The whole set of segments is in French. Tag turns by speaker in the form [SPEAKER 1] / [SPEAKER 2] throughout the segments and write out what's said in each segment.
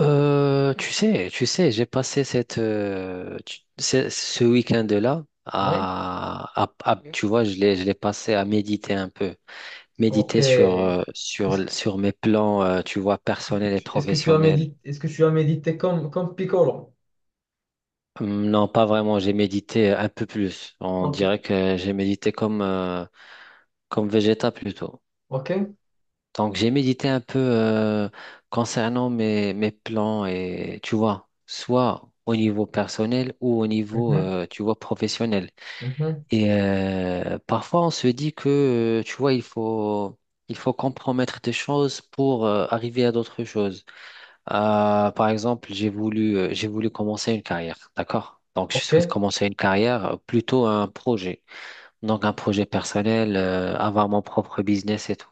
[SPEAKER 1] Tu sais, tu sais, j'ai passé ce, ce week-end-là
[SPEAKER 2] Oui,
[SPEAKER 1] tu vois, je l'ai passé à méditer un peu,
[SPEAKER 2] ok.
[SPEAKER 1] méditer sur, sur mes plans, tu vois, personnels et
[SPEAKER 2] Est-ce que tu as
[SPEAKER 1] professionnels.
[SPEAKER 2] médité, est-ce que tu as médité comme Piccolo?
[SPEAKER 1] Non, pas vraiment, j'ai médité un peu plus. On
[SPEAKER 2] Ok,
[SPEAKER 1] dirait que j'ai médité comme Vegeta plutôt.
[SPEAKER 2] ok.
[SPEAKER 1] Donc, j'ai médité un peu concernant mes, mes plans et tu vois, soit au niveau personnel ou au niveau,
[SPEAKER 2] Mhm,
[SPEAKER 1] tu vois, professionnel.
[SPEAKER 2] mhm.
[SPEAKER 1] Et parfois, on se dit que, tu vois, il faut compromettre des choses pour arriver à d'autres choses. Par exemple, j'ai voulu commencer une carrière, d'accord? Donc, je
[SPEAKER 2] Ok,
[SPEAKER 1] souhaite commencer une carrière, plutôt un projet. Donc, un projet personnel, avoir mon propre business et tout.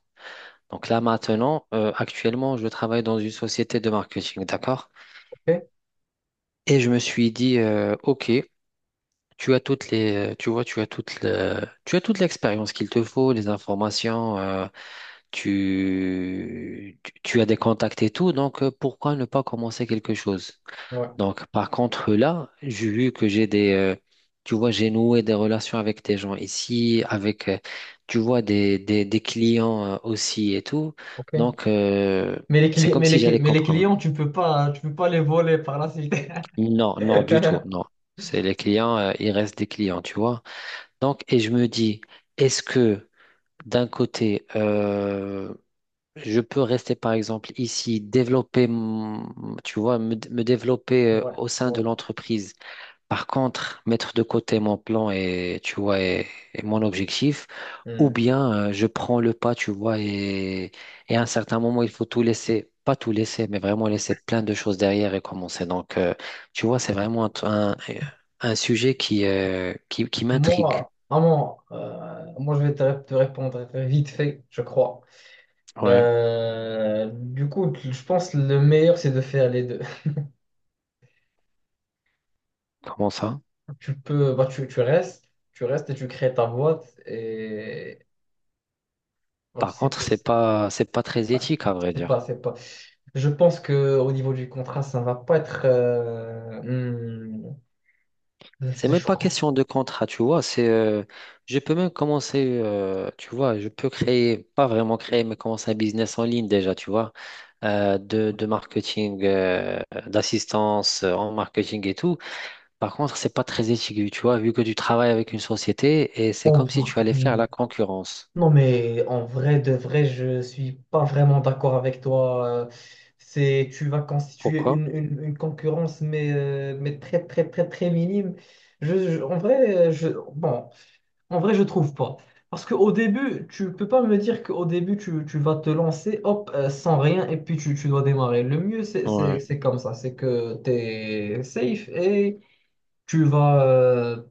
[SPEAKER 1] Donc là maintenant, actuellement, je travaille dans une société de marketing, d'accord?
[SPEAKER 2] ok.
[SPEAKER 1] Et je me suis dit, ok, tu vois, tu as toute l'expérience qu'il te faut, les informations, tu as des contacts et tout, donc pourquoi ne pas commencer quelque chose?
[SPEAKER 2] Ouais,
[SPEAKER 1] Donc, par contre, là, j'ai vu que j'ai tu vois, j'ai noué des relations avec des gens ici, avec, tu vois, des clients aussi et tout.
[SPEAKER 2] ok.
[SPEAKER 1] Donc,
[SPEAKER 2] Mais les,
[SPEAKER 1] c'est
[SPEAKER 2] cli-
[SPEAKER 1] comme
[SPEAKER 2] mais
[SPEAKER 1] si
[SPEAKER 2] les, cli-
[SPEAKER 1] j'allais
[SPEAKER 2] mais les
[SPEAKER 1] comprendre.
[SPEAKER 2] clients, tu peux pas, hein, tu peux pas les voler par la suite.
[SPEAKER 1] Non, non, du tout, non. C'est les clients, ils restent des clients, tu vois. Donc, et je me dis, est-ce que d'un côté, je peux rester, par exemple, ici, tu vois, me développer
[SPEAKER 2] Ouais,
[SPEAKER 1] au sein
[SPEAKER 2] ouais.
[SPEAKER 1] de l'entreprise. Par contre, mettre de côté mon plan et, tu vois, et mon objectif, ou
[SPEAKER 2] Hmm.
[SPEAKER 1] bien je prends le pas, tu vois, et à un certain moment, il faut tout laisser, pas tout laisser, mais vraiment laisser plein de choses derrière et commencer. Donc, tu vois, c'est vraiment un sujet qui m'intrigue.
[SPEAKER 2] Moi, vraiment, moi, je vais te répondre vite fait, je crois.
[SPEAKER 1] Ouais.
[SPEAKER 2] Du coup, je pense que le meilleur, c'est de faire les deux.
[SPEAKER 1] Comment ça?
[SPEAKER 2] Bah, tu restes et tu crées ta boîte et bah, tu
[SPEAKER 1] Par
[SPEAKER 2] sais
[SPEAKER 1] contre,
[SPEAKER 2] pas, c'est
[SPEAKER 1] c'est pas très
[SPEAKER 2] ouais,
[SPEAKER 1] éthique, à vrai
[SPEAKER 2] c'est pas,
[SPEAKER 1] dire.
[SPEAKER 2] c'est pas. Je pense que au niveau du contrat, ça va pas être,
[SPEAKER 1] C'est même
[SPEAKER 2] je
[SPEAKER 1] pas
[SPEAKER 2] crois.
[SPEAKER 1] question de contrat, tu vois. C'est, je peux même commencer, tu vois, je peux créer, pas vraiment créer, mais commencer un business en ligne déjà, tu vois, de marketing, d'assistance en marketing et tout. Par contre, c'est pas très éthique, tu vois, vu que tu travailles avec une société et c'est comme si tu allais faire
[SPEAKER 2] Hmm.
[SPEAKER 1] la concurrence.
[SPEAKER 2] Non, mais en vrai, de vrai, je suis pas vraiment d'accord avec toi. C'est, tu vas constituer
[SPEAKER 1] Pourquoi?
[SPEAKER 2] une concurrence, mais très, très, très, très minime. En vrai, bon, je trouve pas. Parce qu'au début, tu peux pas me dire qu'au début, tu vas te lancer, hop, sans rien, et puis tu dois démarrer. Le mieux, c'est c'est-
[SPEAKER 1] Ouais.
[SPEAKER 2] c'est comme ça. C'est que tu es safe et tu vas, euh,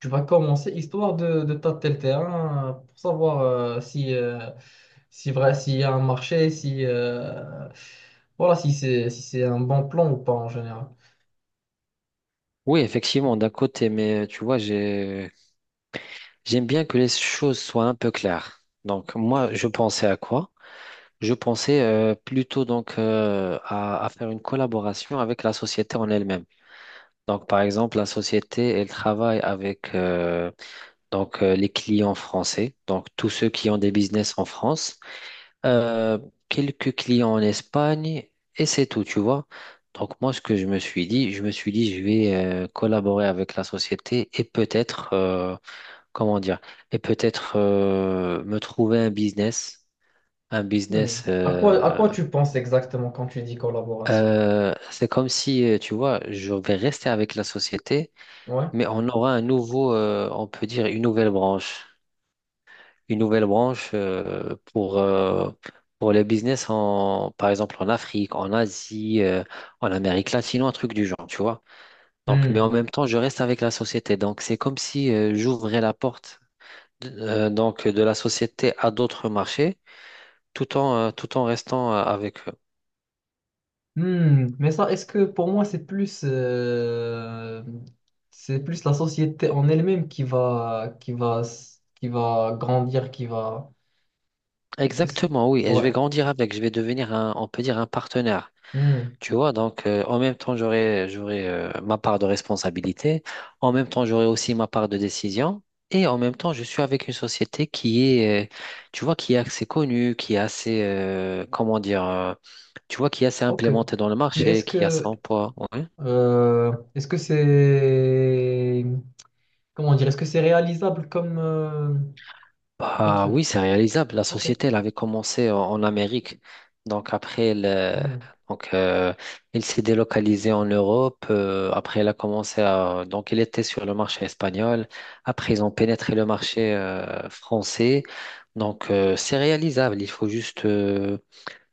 [SPEAKER 2] tu vas commencer, histoire de tâter le terrain, pour savoir si vrai, s'il y a un marché, si, voilà, si c'est un bon plan ou pas en général.
[SPEAKER 1] Oui, effectivement, d'un côté, mais tu vois, j'ai, j'aime bien que les choses soient un peu claires. Donc, moi, je pensais à quoi? Je pensais plutôt donc à faire une collaboration avec la société en elle-même. Donc par exemple, la société, elle travaille avec donc les clients français, donc tous ceux qui ont des business en France, euh, quelques clients en Espagne et c'est tout, tu vois. Donc moi, ce que je me suis dit, je me suis dit, je vais collaborer avec la société et peut-être, comment dire, et peut-être me trouver un business, un
[SPEAKER 2] Hmm.
[SPEAKER 1] business.
[SPEAKER 2] À quoi, à
[SPEAKER 1] euh,
[SPEAKER 2] quoi tu penses exactement quand tu dis collaboration?
[SPEAKER 1] C'est comme si, tu vois, je vais rester avec la société,
[SPEAKER 2] Ouais.
[SPEAKER 1] mais on aura un nouveau, on peut dire une nouvelle branche. Une nouvelle branche pour les business, en, par exemple en Afrique, en Asie, en Amérique latine, un truc du genre, tu vois. Donc, mais en
[SPEAKER 2] Hmm.
[SPEAKER 1] même temps, je reste avec la société. Donc, c'est comme si j'ouvrais la porte donc, de la société à d'autres marchés, tout en, tout en restant avec eux.
[SPEAKER 2] Hmm, mais ça, est-ce que pour moi, c'est plus la société en elle-même qui va, qui va grandir, qui va. est-ce-
[SPEAKER 1] Exactement, oui. Et je
[SPEAKER 2] Ouais.
[SPEAKER 1] vais grandir avec, je vais devenir un, on peut dire un partenaire.
[SPEAKER 2] Hmm,
[SPEAKER 1] Tu vois, donc en même temps, j'aurai ma part de responsabilité, en même temps, j'aurai aussi ma part de décision, et en même temps, je suis avec une société qui est, tu vois, qui est assez connue, qui est assez, comment dire, tu vois, qui est assez
[SPEAKER 2] ok.
[SPEAKER 1] implémentée dans le
[SPEAKER 2] Mais
[SPEAKER 1] marché,
[SPEAKER 2] est-ce
[SPEAKER 1] qui a
[SPEAKER 2] que,
[SPEAKER 1] son poids. Ouais.
[SPEAKER 2] euh, est-ce que c'est, comment dire, est-ce que c'est réalisable comme
[SPEAKER 1] Bah oui,
[SPEAKER 2] truc?
[SPEAKER 1] c'est réalisable. La
[SPEAKER 2] Ok.
[SPEAKER 1] société, elle avait commencé en Amérique. Donc après, elle,
[SPEAKER 2] Hmm,
[SPEAKER 1] donc, elle s'est délocalisée en Europe. Après, elle a commencé à... Donc, elle était sur le marché espagnol. Après, ils ont pénétré le marché français. Donc, c'est réalisable. Il faut juste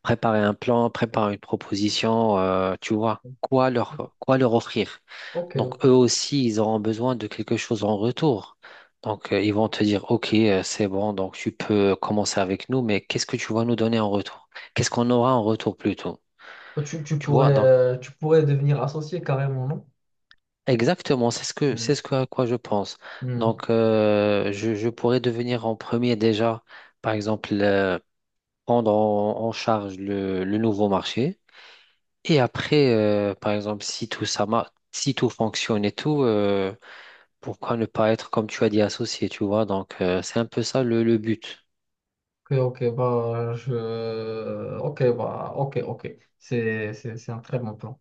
[SPEAKER 1] préparer un plan, préparer une proposition, tu vois, quoi leur offrir.
[SPEAKER 2] ok,
[SPEAKER 1] Donc,
[SPEAKER 2] ok.
[SPEAKER 1] eux aussi, ils auront besoin de quelque chose en retour. Donc, ils vont te dire, OK, c'est bon, donc tu peux commencer avec nous, mais qu'est-ce que tu vas nous donner en retour? Qu'est-ce qu'on aura en retour plutôt?
[SPEAKER 2] Ok. Tu, tu
[SPEAKER 1] Tu vois,
[SPEAKER 2] pourrais,
[SPEAKER 1] donc,
[SPEAKER 2] euh, tu pourrais devenir associé carrément, non?
[SPEAKER 1] exactement, c'est ce que,
[SPEAKER 2] Hmm,
[SPEAKER 1] à quoi je pense.
[SPEAKER 2] hmm.
[SPEAKER 1] Donc, je pourrais devenir en premier déjà, par exemple, prendre en charge le nouveau marché. Et après, par exemple, si tout fonctionne et tout, pourquoi ne pas être, comme tu as dit, associé, tu vois? Donc, c'est un peu ça le but.
[SPEAKER 2] Ok, ok, bah, Ok, bah, ok, ok. C'est un très bon plan.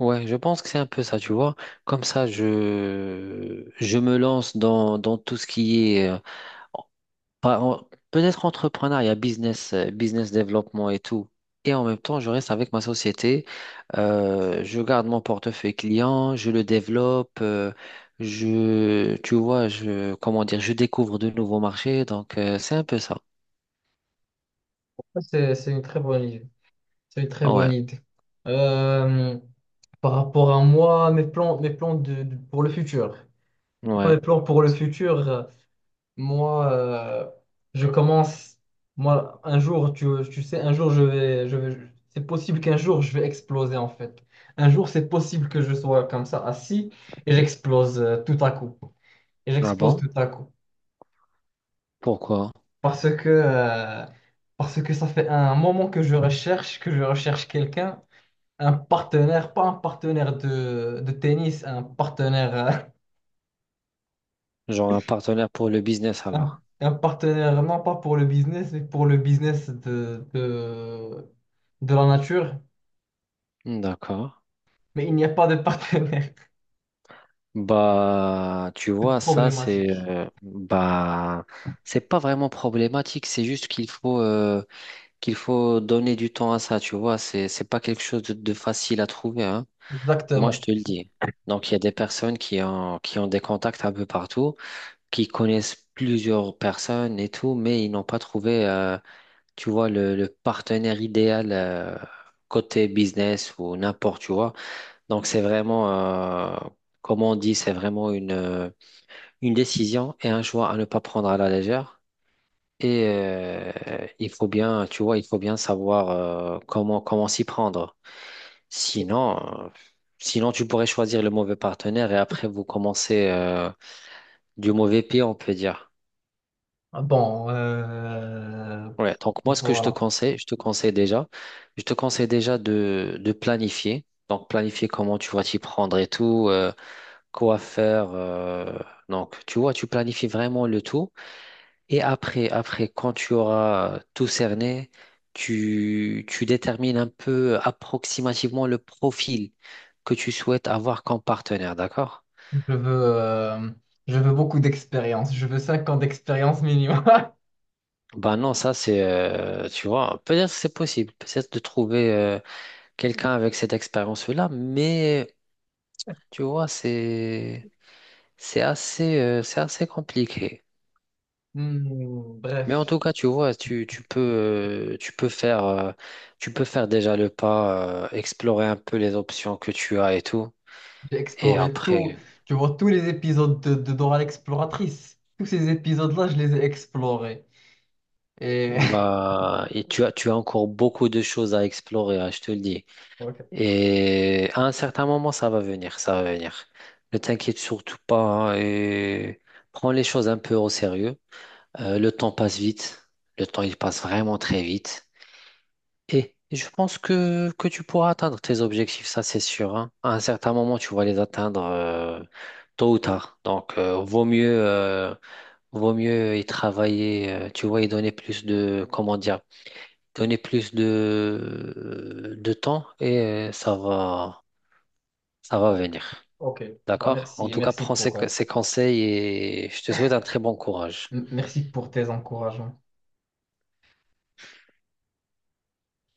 [SPEAKER 1] Ouais, je pense que c'est un peu ça, tu vois. Comme ça, je me lance dans, dans tout ce qui est peut-être entrepreneuriat, business, business développement et tout. Et en même temps, je reste avec ma société. Je garde mon portefeuille client, je le développe. Euh, je, tu vois, je, comment dire, je découvre de nouveaux marchés. Donc, c'est un peu ça.
[SPEAKER 2] C'est une très bonne idée. C'est une très bonne
[SPEAKER 1] Ouais,
[SPEAKER 2] idée. Euh, Par rapport à moi, mes plans, pour le futur.
[SPEAKER 1] ouais.
[SPEAKER 2] Mes plans pour le futur, moi, je commence... Moi, un jour, tu sais, un jour, je vais... Je vais c'est possible qu'un jour, je vais exploser, en fait. Un jour, c'est possible que je sois comme ça, assis, et j'explose tout à coup. Et
[SPEAKER 1] Ah
[SPEAKER 2] j'explose
[SPEAKER 1] bon?
[SPEAKER 2] tout à coup.
[SPEAKER 1] Pourquoi?
[SPEAKER 2] Parce que, euh, parce que ça fait un moment que je recherche quelqu'un, un partenaire, pas un partenaire de tennis, un partenaire,
[SPEAKER 1] Genre un partenaire pour le business
[SPEAKER 2] un,
[SPEAKER 1] alors.
[SPEAKER 2] un partenaire non pas pour le business, mais pour le business de la nature.
[SPEAKER 1] D'accord.
[SPEAKER 2] Mais il n'y a pas de partenaire.
[SPEAKER 1] Bah, tu
[SPEAKER 2] C'est
[SPEAKER 1] vois, ça, c'est,
[SPEAKER 2] problématique.
[SPEAKER 1] bah, c'est pas vraiment problématique. C'est juste qu'il faut, qu'il faut donner du temps à ça, tu vois, c'est pas quelque chose de facile à trouver, hein. Moi, je
[SPEAKER 2] Exactement.
[SPEAKER 1] te le dis. Donc, il y a des personnes qui ont des contacts un peu partout, qui connaissent plusieurs personnes et tout, mais ils n'ont pas trouvé, tu vois, le partenaire idéal côté business ou n'importe, tu vois. Donc, c'est vraiment, comme on dit, c'est vraiment une décision et un choix à ne pas prendre à la légère. Et tu vois, il faut bien savoir comment s'y prendre. Sinon, euh, sinon tu pourrais choisir le mauvais partenaire et après vous commencez du mauvais pied, on peut dire.
[SPEAKER 2] Bon,
[SPEAKER 1] Ouais. Donc moi, ce que je te
[SPEAKER 2] voilà.
[SPEAKER 1] conseille, je te conseille déjà de planifier. Donc planifier comment tu vas t'y prendre et tout, quoi faire, donc tu vois, tu planifies vraiment le tout. Et après, quand tu auras tout cerné, tu détermines un peu approximativement le profil que tu souhaites avoir comme partenaire, d'accord?
[SPEAKER 2] Je veux, euh, je veux beaucoup d'expérience. Je veux 5 ans d'expérience minimum.
[SPEAKER 1] Ben non, ça c'est, tu vois, peut-être c'est possible, peut-être de trouver quelqu'un avec cette expérience-là, mais tu vois, c'est assez compliqué.
[SPEAKER 2] Hmm,
[SPEAKER 1] Mais en
[SPEAKER 2] bref,
[SPEAKER 1] tout cas, tu vois, tu peux, tu peux faire déjà le pas, explorer un peu les options que tu as et tout.
[SPEAKER 2] j'ai
[SPEAKER 1] Et
[SPEAKER 2] exploré tout,
[SPEAKER 1] après,
[SPEAKER 2] tu vois, tous les épisodes de Dora l'exploratrice. Tous ces épisodes-là, je les ai explorés. Et...
[SPEAKER 1] bah, et tu as encore beaucoup de choses à explorer, hein, je te le dis.
[SPEAKER 2] Ok,
[SPEAKER 1] Et à un certain moment, ça va venir, ça va venir. Ne t'inquiète surtout pas hein, et prends les choses un peu au sérieux. Le temps passe vite, le temps il passe vraiment très vite. Et je pense que tu pourras atteindre tes objectifs, ça c'est sûr, hein. À un certain moment, tu vas les atteindre tôt ou tard. Donc, vaut mieux, vaut mieux y travailler, tu vois, y donner plus de, comment dire, donner plus de temps et euh, ça va, ça va
[SPEAKER 2] bon,
[SPEAKER 1] venir.
[SPEAKER 2] ok. Bah,
[SPEAKER 1] D'accord? En
[SPEAKER 2] merci,
[SPEAKER 1] tout cas,
[SPEAKER 2] merci
[SPEAKER 1] prends
[SPEAKER 2] pour, euh,
[SPEAKER 1] ces conseils et je te souhaite un très bon courage.
[SPEAKER 2] m- merci pour tes encouragements.